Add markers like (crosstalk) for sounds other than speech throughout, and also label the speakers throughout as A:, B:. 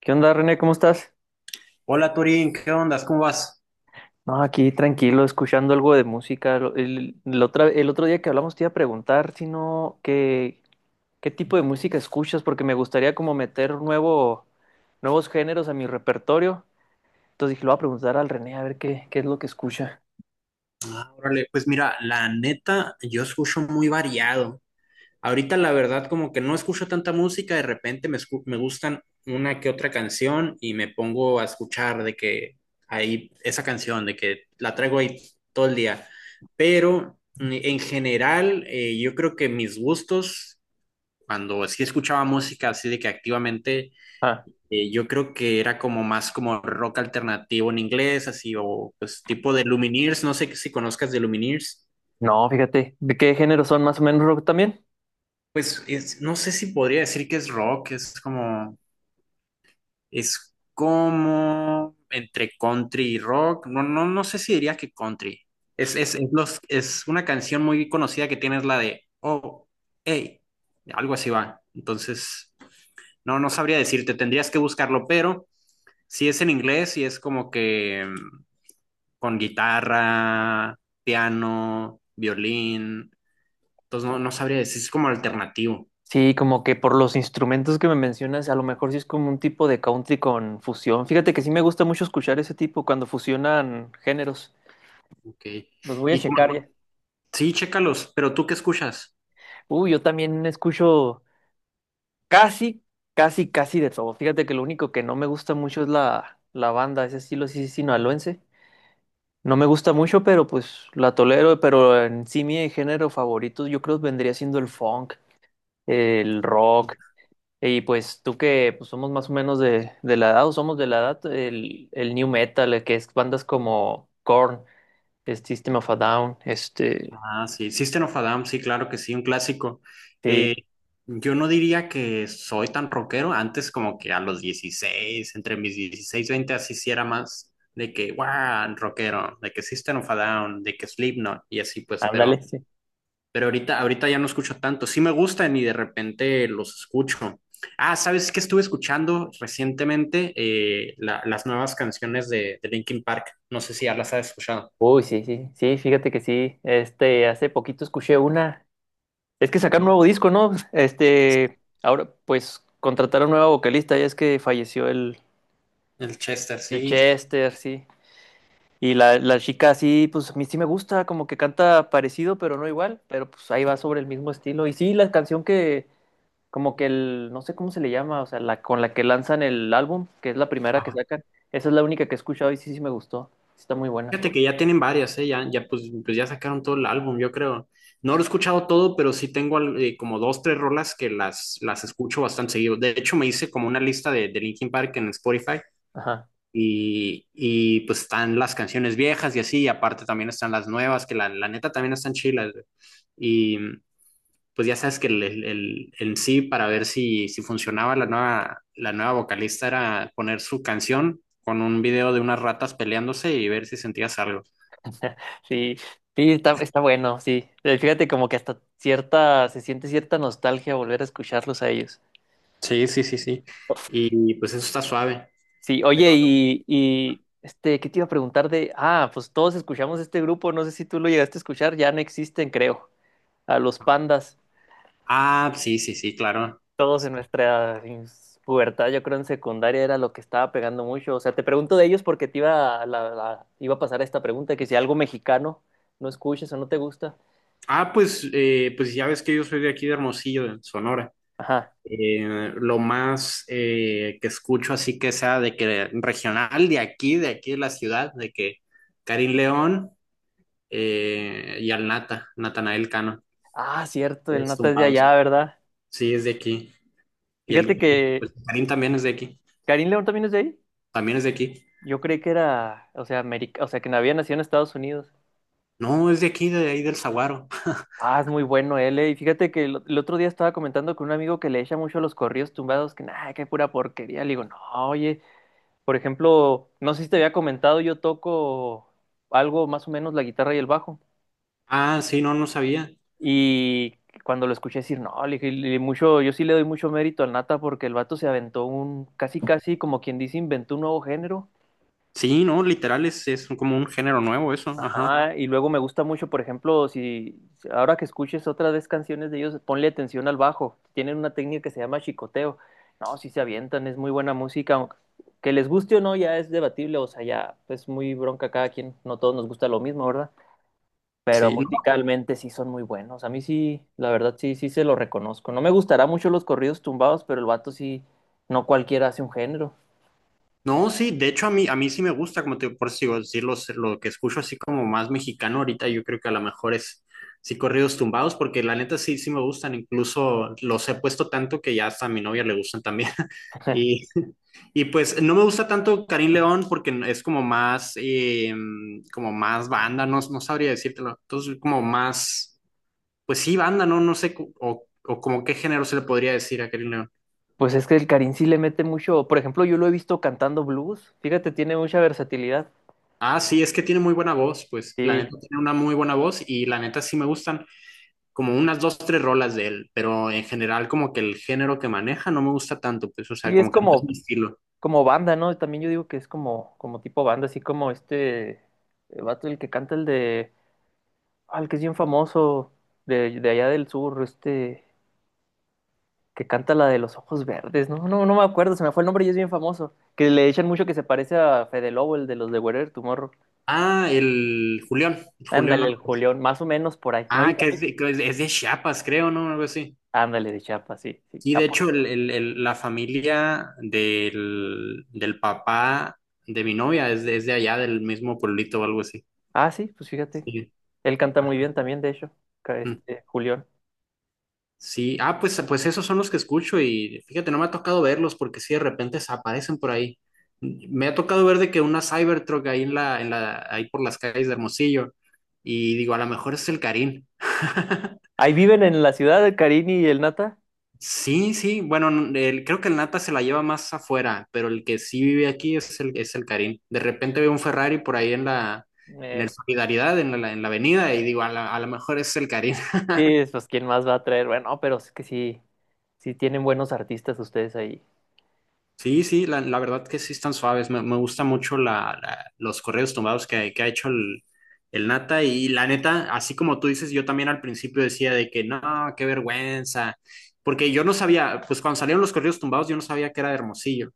A: ¿Qué onda, René? ¿Cómo estás?
B: Hola Turín, ¿qué ondas? ¿Cómo vas?
A: No, aquí tranquilo, escuchando algo de música. El otro día que hablamos te iba a preguntar si no, qué, qué tipo de música escuchas, porque me gustaría como meter nuevos géneros a mi repertorio. Entonces dije, lo voy a preguntar al René a ver qué, qué es lo que escucha.
B: Ah, órale, pues mira, la neta, yo escucho muy variado. Ahorita la verdad como que no escucho tanta música, de repente me gustan una que otra canción y me pongo a escuchar de que ahí esa canción, de que la traigo ahí todo el día. Pero en general, yo creo que mis gustos, cuando sí escuchaba música así de que activamente.
A: Ah,
B: Yo creo que era como más como rock alternativo en inglés, así, o pues tipo de Lumineers, no sé si conozcas de Lumineers.
A: no, fíjate, ¿de qué géneros son más o menos rock también?
B: Pues no sé si podría decir que es rock, es como entre country y rock. No, no, no sé si diría que country. Es una canción muy conocida que tienes la de, oh, hey, algo así va. Entonces, no, no sabría decirte, tendrías que buscarlo, pero... Si es en inglés y es como que con guitarra, piano, violín. Entonces no, no sabría decir, es como alternativo.
A: Sí, como que por los instrumentos que me mencionas, a lo mejor sí es como un tipo de country con fusión. Fíjate que sí me gusta mucho escuchar ese tipo cuando fusionan géneros.
B: Ok.
A: Los voy a
B: Y
A: checar
B: como,
A: ya.
B: sí, chécalos, pero ¿tú qué escuchas?
A: Uy, yo también escucho casi, casi de todo. Fíjate que lo único que no me gusta mucho es la banda, ese estilo sí sinaloense. No me gusta mucho, pero pues la tolero. Pero en sí mi género favorito yo creo vendría siendo el funk, el rock. Y pues tú que pues, somos más o menos de la edad, o somos de la edad, el new metal, el que es bandas como Korn, System of a Down, este...
B: Ah, sí, System of a Down, sí, claro que sí, un clásico. Eh,
A: Sí,
B: yo no diría que soy tan rockero, antes como que a los 16, entre mis 16 y 20, así sí era más de que, wow, rockero, de que System of a Down, de que Slipknot y así pues, pero
A: ándale. Sí.
B: Pero ahorita, ahorita ya no escucho tanto. Sí me gustan y de repente los escucho. Ah, ¿sabes qué estuve escuchando recientemente? Las nuevas canciones de Linkin Park. No sé si ya las has escuchado.
A: Uy, sí, sí, sí, fíjate que sí. Este, hace poquito escuché una. Es que sacaron un nuevo disco, ¿no? Este, ahora pues contrataron nueva vocalista, ya es que falleció
B: El Chester,
A: el
B: sí.
A: Chester, sí. Y la chica sí, pues a mí sí me gusta, como que canta parecido, pero no igual, pero pues ahí va sobre el mismo estilo. Y sí, la canción que, como que el, no sé cómo se le llama, o sea, la con la que lanzan el álbum, que es la primera que
B: Ajá.
A: sacan, esa es la única que he escuchado y sí, sí me gustó. Sí. Está muy buena.
B: Fíjate que ya tienen varias, ¿eh? Ya, pues ya sacaron todo el álbum, yo creo. No lo he escuchado todo, pero sí tengo como dos, tres rolas que las escucho bastante seguido. De hecho, me hice como una lista de Linkin Park en Spotify.
A: Ajá.
B: Y, y pues están las canciones viejas y así, y aparte también están las nuevas, que la neta también están chilas, güey. Y pues ya sabes que en sí, para ver si funcionaba la nueva vocalista, era poner su canción con un video de unas ratas peleándose y ver si sentías algo.
A: (laughs) Sí, sí, está, está bueno, sí. Fíjate como que hasta cierta, se siente cierta nostalgia volver a escucharlos a ellos.
B: Sí, sí, sí, sí. Y pues eso está suave.
A: Sí, oye, y este, ¿qué te iba a preguntar de? Ah, pues todos escuchamos este grupo, no sé si tú lo llegaste a escuchar, ya no existen, creo. A los pandas,
B: Ah, sí, sí, sí, claro.
A: todos en nuestra ins- pubertad, yo creo en secundaria era lo que estaba pegando mucho. O sea, te pregunto de ellos porque te iba a, iba a pasar esta pregunta, que si algo mexicano no escuchas o no te gusta.
B: Ah, pues, pues ya ves que yo soy de aquí de Hermosillo, de Sonora.
A: Ajá.
B: Lo más que escucho así que sea de que regional de aquí, de aquí de la ciudad, de que Karim León y al Natanael Cano,
A: Ah, cierto, el
B: es
A: Nata es de
B: Tumbados.
A: allá, ¿verdad?
B: Sí, es de aquí. Y
A: Fíjate
B: el
A: que
B: pues Karim también es de aquí.
A: Karim León también es de ahí.
B: También es de aquí.
A: Yo creí que era, o sea, América, o sea, que no había nacido en Estados Unidos.
B: No, es de aquí, de ahí del Saguaro.
A: Ah, es muy bueno él, eh. Y fíjate que el otro día estaba comentando con un amigo que le echa mucho a los corridos tumbados, que nada, que pura porquería. Le digo, no, oye, por ejemplo, no sé si te había comentado, yo toco algo más o menos la guitarra y el bajo.
B: Ah, sí, no, no sabía.
A: Y cuando lo escuché decir, no, mucho, yo sí le doy mucho mérito al Nata porque el vato se aventó un, casi casi como quien dice, inventó un nuevo género.
B: Sí, no, literal, es como un género nuevo eso, ajá.
A: Ajá, y luego me gusta mucho, por ejemplo, si ahora que escuches otra vez canciones de ellos, ponle atención al bajo. Tienen una técnica que se llama chicoteo. No, si se avientan, es muy buena música. Aunque- Que les guste o no, ya es debatible, o sea, ya es muy bronca cada quien. No todos nos gusta lo mismo, ¿verdad? Pero
B: Sí,
A: musicalmente sí son muy buenos. A mí sí, la verdad sí, sí se lo reconozco. No me gustará mucho los corridos tumbados, pero el vato sí, no cualquiera hace un género.
B: no, sí, de hecho a mí sí me gusta, como te por eso digo, decir lo que escucho así como más mexicano ahorita, yo creo que a lo mejor es sí corridos tumbados, porque la neta sí, sí me gustan, incluso los he puesto tanto que ya hasta a mi novia le gustan también. (laughs)
A: (laughs)
B: Y, y pues no me gusta tanto Karim León porque es como más banda, no, no sabría decírtelo, entonces como más, pues sí, banda, no, no sé, o como qué género se le podría decir a Karim.
A: Pues es que el Karin sí le mete mucho. Por ejemplo, yo lo he visto cantando blues. Fíjate, tiene mucha versatilidad.
B: Ah, sí, es que tiene muy buena voz, pues la
A: Sí.
B: neta tiene una muy buena voz y la neta sí me gustan como unas dos, tres rolas de él, pero en general como que el género que maneja no me gusta tanto, pues o sea,
A: Y es
B: como que no es
A: como,
B: mi estilo.
A: como banda, ¿no? También yo digo que es como, como tipo banda, así como este el vato, el que canta el de. Ah, el que es bien famoso de allá del sur, este. Que canta la de los ojos verdes, ¿no? No, no me acuerdo, se me fue el nombre y es bien famoso. Que le echan mucho que se parece a Fede Lobo, el de los de Wherever Tomorrow.
B: Ah, el Julián
A: Ándale, el
B: Álvarez.
A: Julián, más o menos por ahí, no
B: Ah,
A: igual.
B: que es de Chiapas, creo, ¿no? Algo así.
A: Ándale, de Chiapas, sí, sí.
B: Sí, de hecho, la familia del papá de mi novia es de allá, del mismo pueblito o algo así.
A: Ah, sí, pues fíjate. Él canta muy bien también, de hecho, ca-
B: Sí.
A: este, Julián.
B: Sí, ah, pues, pues esos son los que escucho y fíjate, no me ha tocado verlos porque sí, de repente se aparecen por ahí. Me ha tocado ver de que una Cybertruck ahí ahí por las calles de Hermosillo y digo, a lo mejor es el Karim. (laughs)
A: Ahí viven en la ciudad el Carini y el Nata.
B: Sí, sí, bueno, creo que el Nata se la lleva más afuera, pero el que sí vive aquí es es el Karim. De repente veo un Ferrari por ahí en la, en el
A: Eh,
B: Solidaridad, en la avenida y digo, a lo mejor es el Karim.
A: sí, pues quién más va a traer. Bueno, pero es que sí, sí tienen buenos artistas ustedes ahí.
B: Sí, sí, la verdad que sí están suaves. Me gusta mucho los correos tumbados que ha hecho el Nata. Y la neta, así como tú dices, yo también al principio decía de que no, qué vergüenza. Porque yo no sabía, pues cuando salieron los correos tumbados, yo no sabía que era de Hermosillo.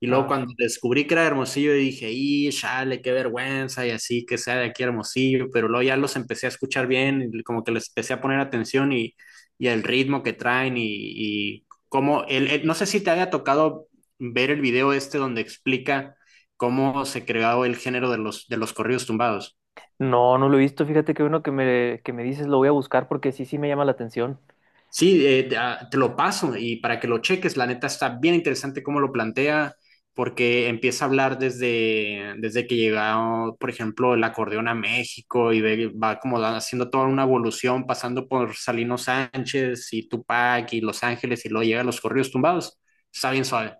B: Y luego
A: Ah.
B: cuando descubrí que era de Hermosillo, dije, y chale, qué vergüenza, y así que sea de aquí a Hermosillo. Pero luego ya los empecé a escuchar bien, y como que les empecé a poner atención y el ritmo que traen y como no sé si te haya tocado ver el video este donde explica cómo se creó el género de los corridos tumbados.
A: No, no lo he visto. Fíjate que uno que me dices lo voy a buscar porque sí, sí me llama la atención.
B: Sí, lo paso y para que lo cheques, la neta está bien interesante cómo lo plantea, porque empieza a hablar desde, desde que llegó, por ejemplo, el acordeón a México y va como haciendo toda una evolución, pasando por Salino Sánchez y Tupac y Los Ángeles y luego llega a los corridos tumbados. Está bien suave.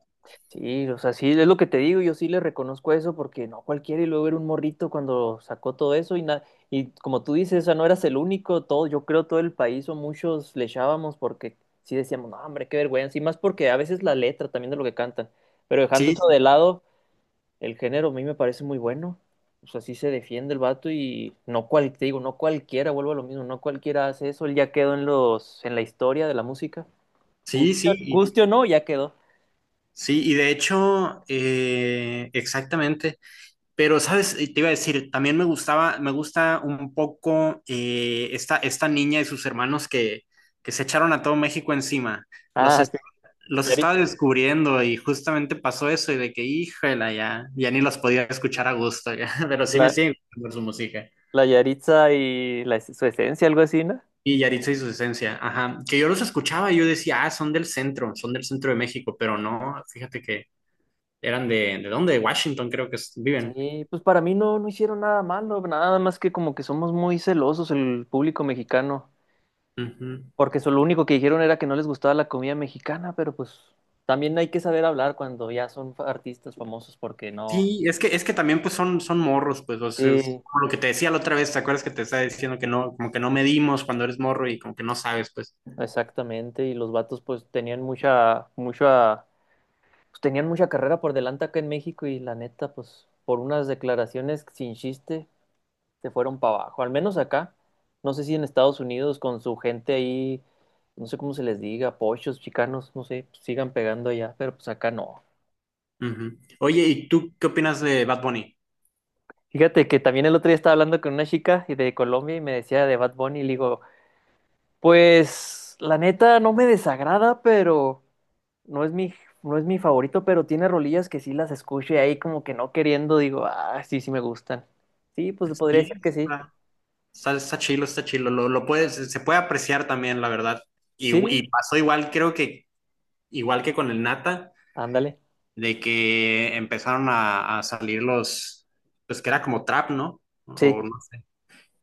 A: Sí, o sea, sí, es lo que te digo, yo sí le reconozco eso porque no cualquiera y luego era un morrito cuando sacó todo eso y, na- y como tú dices, o sea, no eras el único, todo, yo creo todo el país o muchos le echábamos porque sí decíamos, no, hombre, qué vergüenza, y más porque a veces la letra también de lo que cantan, pero dejando
B: Sí,
A: eso de
B: sí,
A: lado, el género a mí me parece muy bueno, o sea, sí se defiende el vato y no cual, te digo, no cualquiera, vuelvo a lo mismo, no cualquiera hace eso, él ya quedó en los, en la historia de la música,
B: sí,
A: guste,
B: sí, y-
A: guste o no, ya quedó.
B: sí, y de hecho, exactamente. Pero, ¿sabes? Te iba a decir, también me gustaba, me gusta un poco esta niña y sus hermanos que se echaron a todo México encima. Los,
A: Ah, sí.
B: es- los
A: Y
B: estaba
A: ahorita-
B: descubriendo y justamente pasó eso y de que, híjala, ya, ya ni los podía escuchar a gusto, ya. (laughs) Pero sí me
A: la-
B: siguen por su música.
A: La Yaritza y la es- su esencia, algo así, ¿no?
B: Y Yaritza y su esencia, ajá. Que yo los escuchaba y yo decía, ah, son del centro de México, pero no, fíjate que eran ¿de dónde? De Washington creo que viven.
A: Sí, pues para mí no, no hicieron nada malo, nada más que como que somos muy celosos el público mexicano, porque eso, lo único que dijeron era que no les gustaba la comida mexicana, pero pues también hay que saber hablar cuando ya son fa- artistas famosos, porque no.
B: Sí, es que también pues son, son morros, pues, o sea, es
A: Sí,
B: como lo que te decía la otra vez, ¿te acuerdas que te estaba diciendo que no, como que no medimos cuando eres morro y como que no sabes, pues.
A: exactamente, y los vatos pues tenían mucha, pues tenían mucha carrera por delante acá en México y la neta, pues por unas declaraciones sin chiste, se fueron para abajo, al menos acá. No sé si en Estados Unidos con su gente ahí, no sé cómo se les diga, pochos, chicanos, no sé, pues, sigan pegando allá, pero pues acá no.
B: Ujú. Oye, ¿y tú qué opinas de Bad Bunny?
A: Fíjate que también el otro día estaba hablando con una chica de Colombia y me decía de Bad Bunny y le digo, pues la neta no me desagrada, pero no es mi, no es mi favorito, pero tiene rolillas que sí las escucho y ahí como que no queriendo digo, ah, sí, sí me gustan. Sí, pues podría decir
B: Sí,
A: que sí.
B: está, está chilo, lo puedes, se puede apreciar también, la verdad.
A: Sí,
B: Y pasó igual, creo que, igual que con el Nata,
A: ándale.
B: de que empezaron a salir los, pues que era como trap, ¿no?
A: Sí,
B: O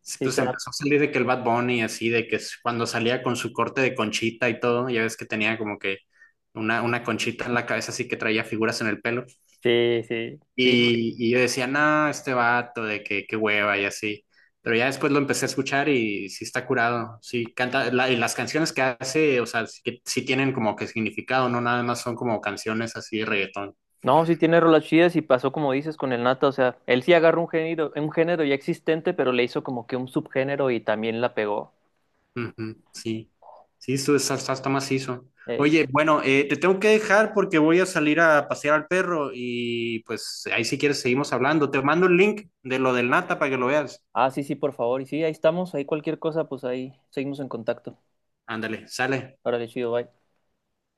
B: sí,
A: sí,
B: pues
A: trap.
B: empezó a salir de que el Bad Bunny, así, de que cuando salía con su corte de conchita y todo, ya ves que tenía como que una conchita en la cabeza, así que traía figuras en el pelo.
A: Sí, sí, sí.
B: Y yo decía, no, este vato, de que qué hueva y así. Pero ya después lo empecé a escuchar y sí está curado, sí canta, y las canciones que hace, o sea, sí, que, sí tienen como que significado, no nada más son como canciones así de reggaetón.
A: No, sí tiene rolas chidas y pasó como dices con el Nata, o sea, él sí agarró un género ya existente, pero le hizo como que un subgénero y también la pegó.
B: Ujú, sí, sí, está, está macizo.
A: Eh,
B: Oye, bueno, te tengo que dejar porque voy a salir a pasear al perro y pues ahí si quieres seguimos hablando. Te mando el link de lo del Nata para que lo veas.
A: ah, sí, sí, por favor. Y sí, ahí estamos, ahí cualquier cosa, pues ahí seguimos en contacto.
B: Ándale, sale.
A: Órale, chido, bye.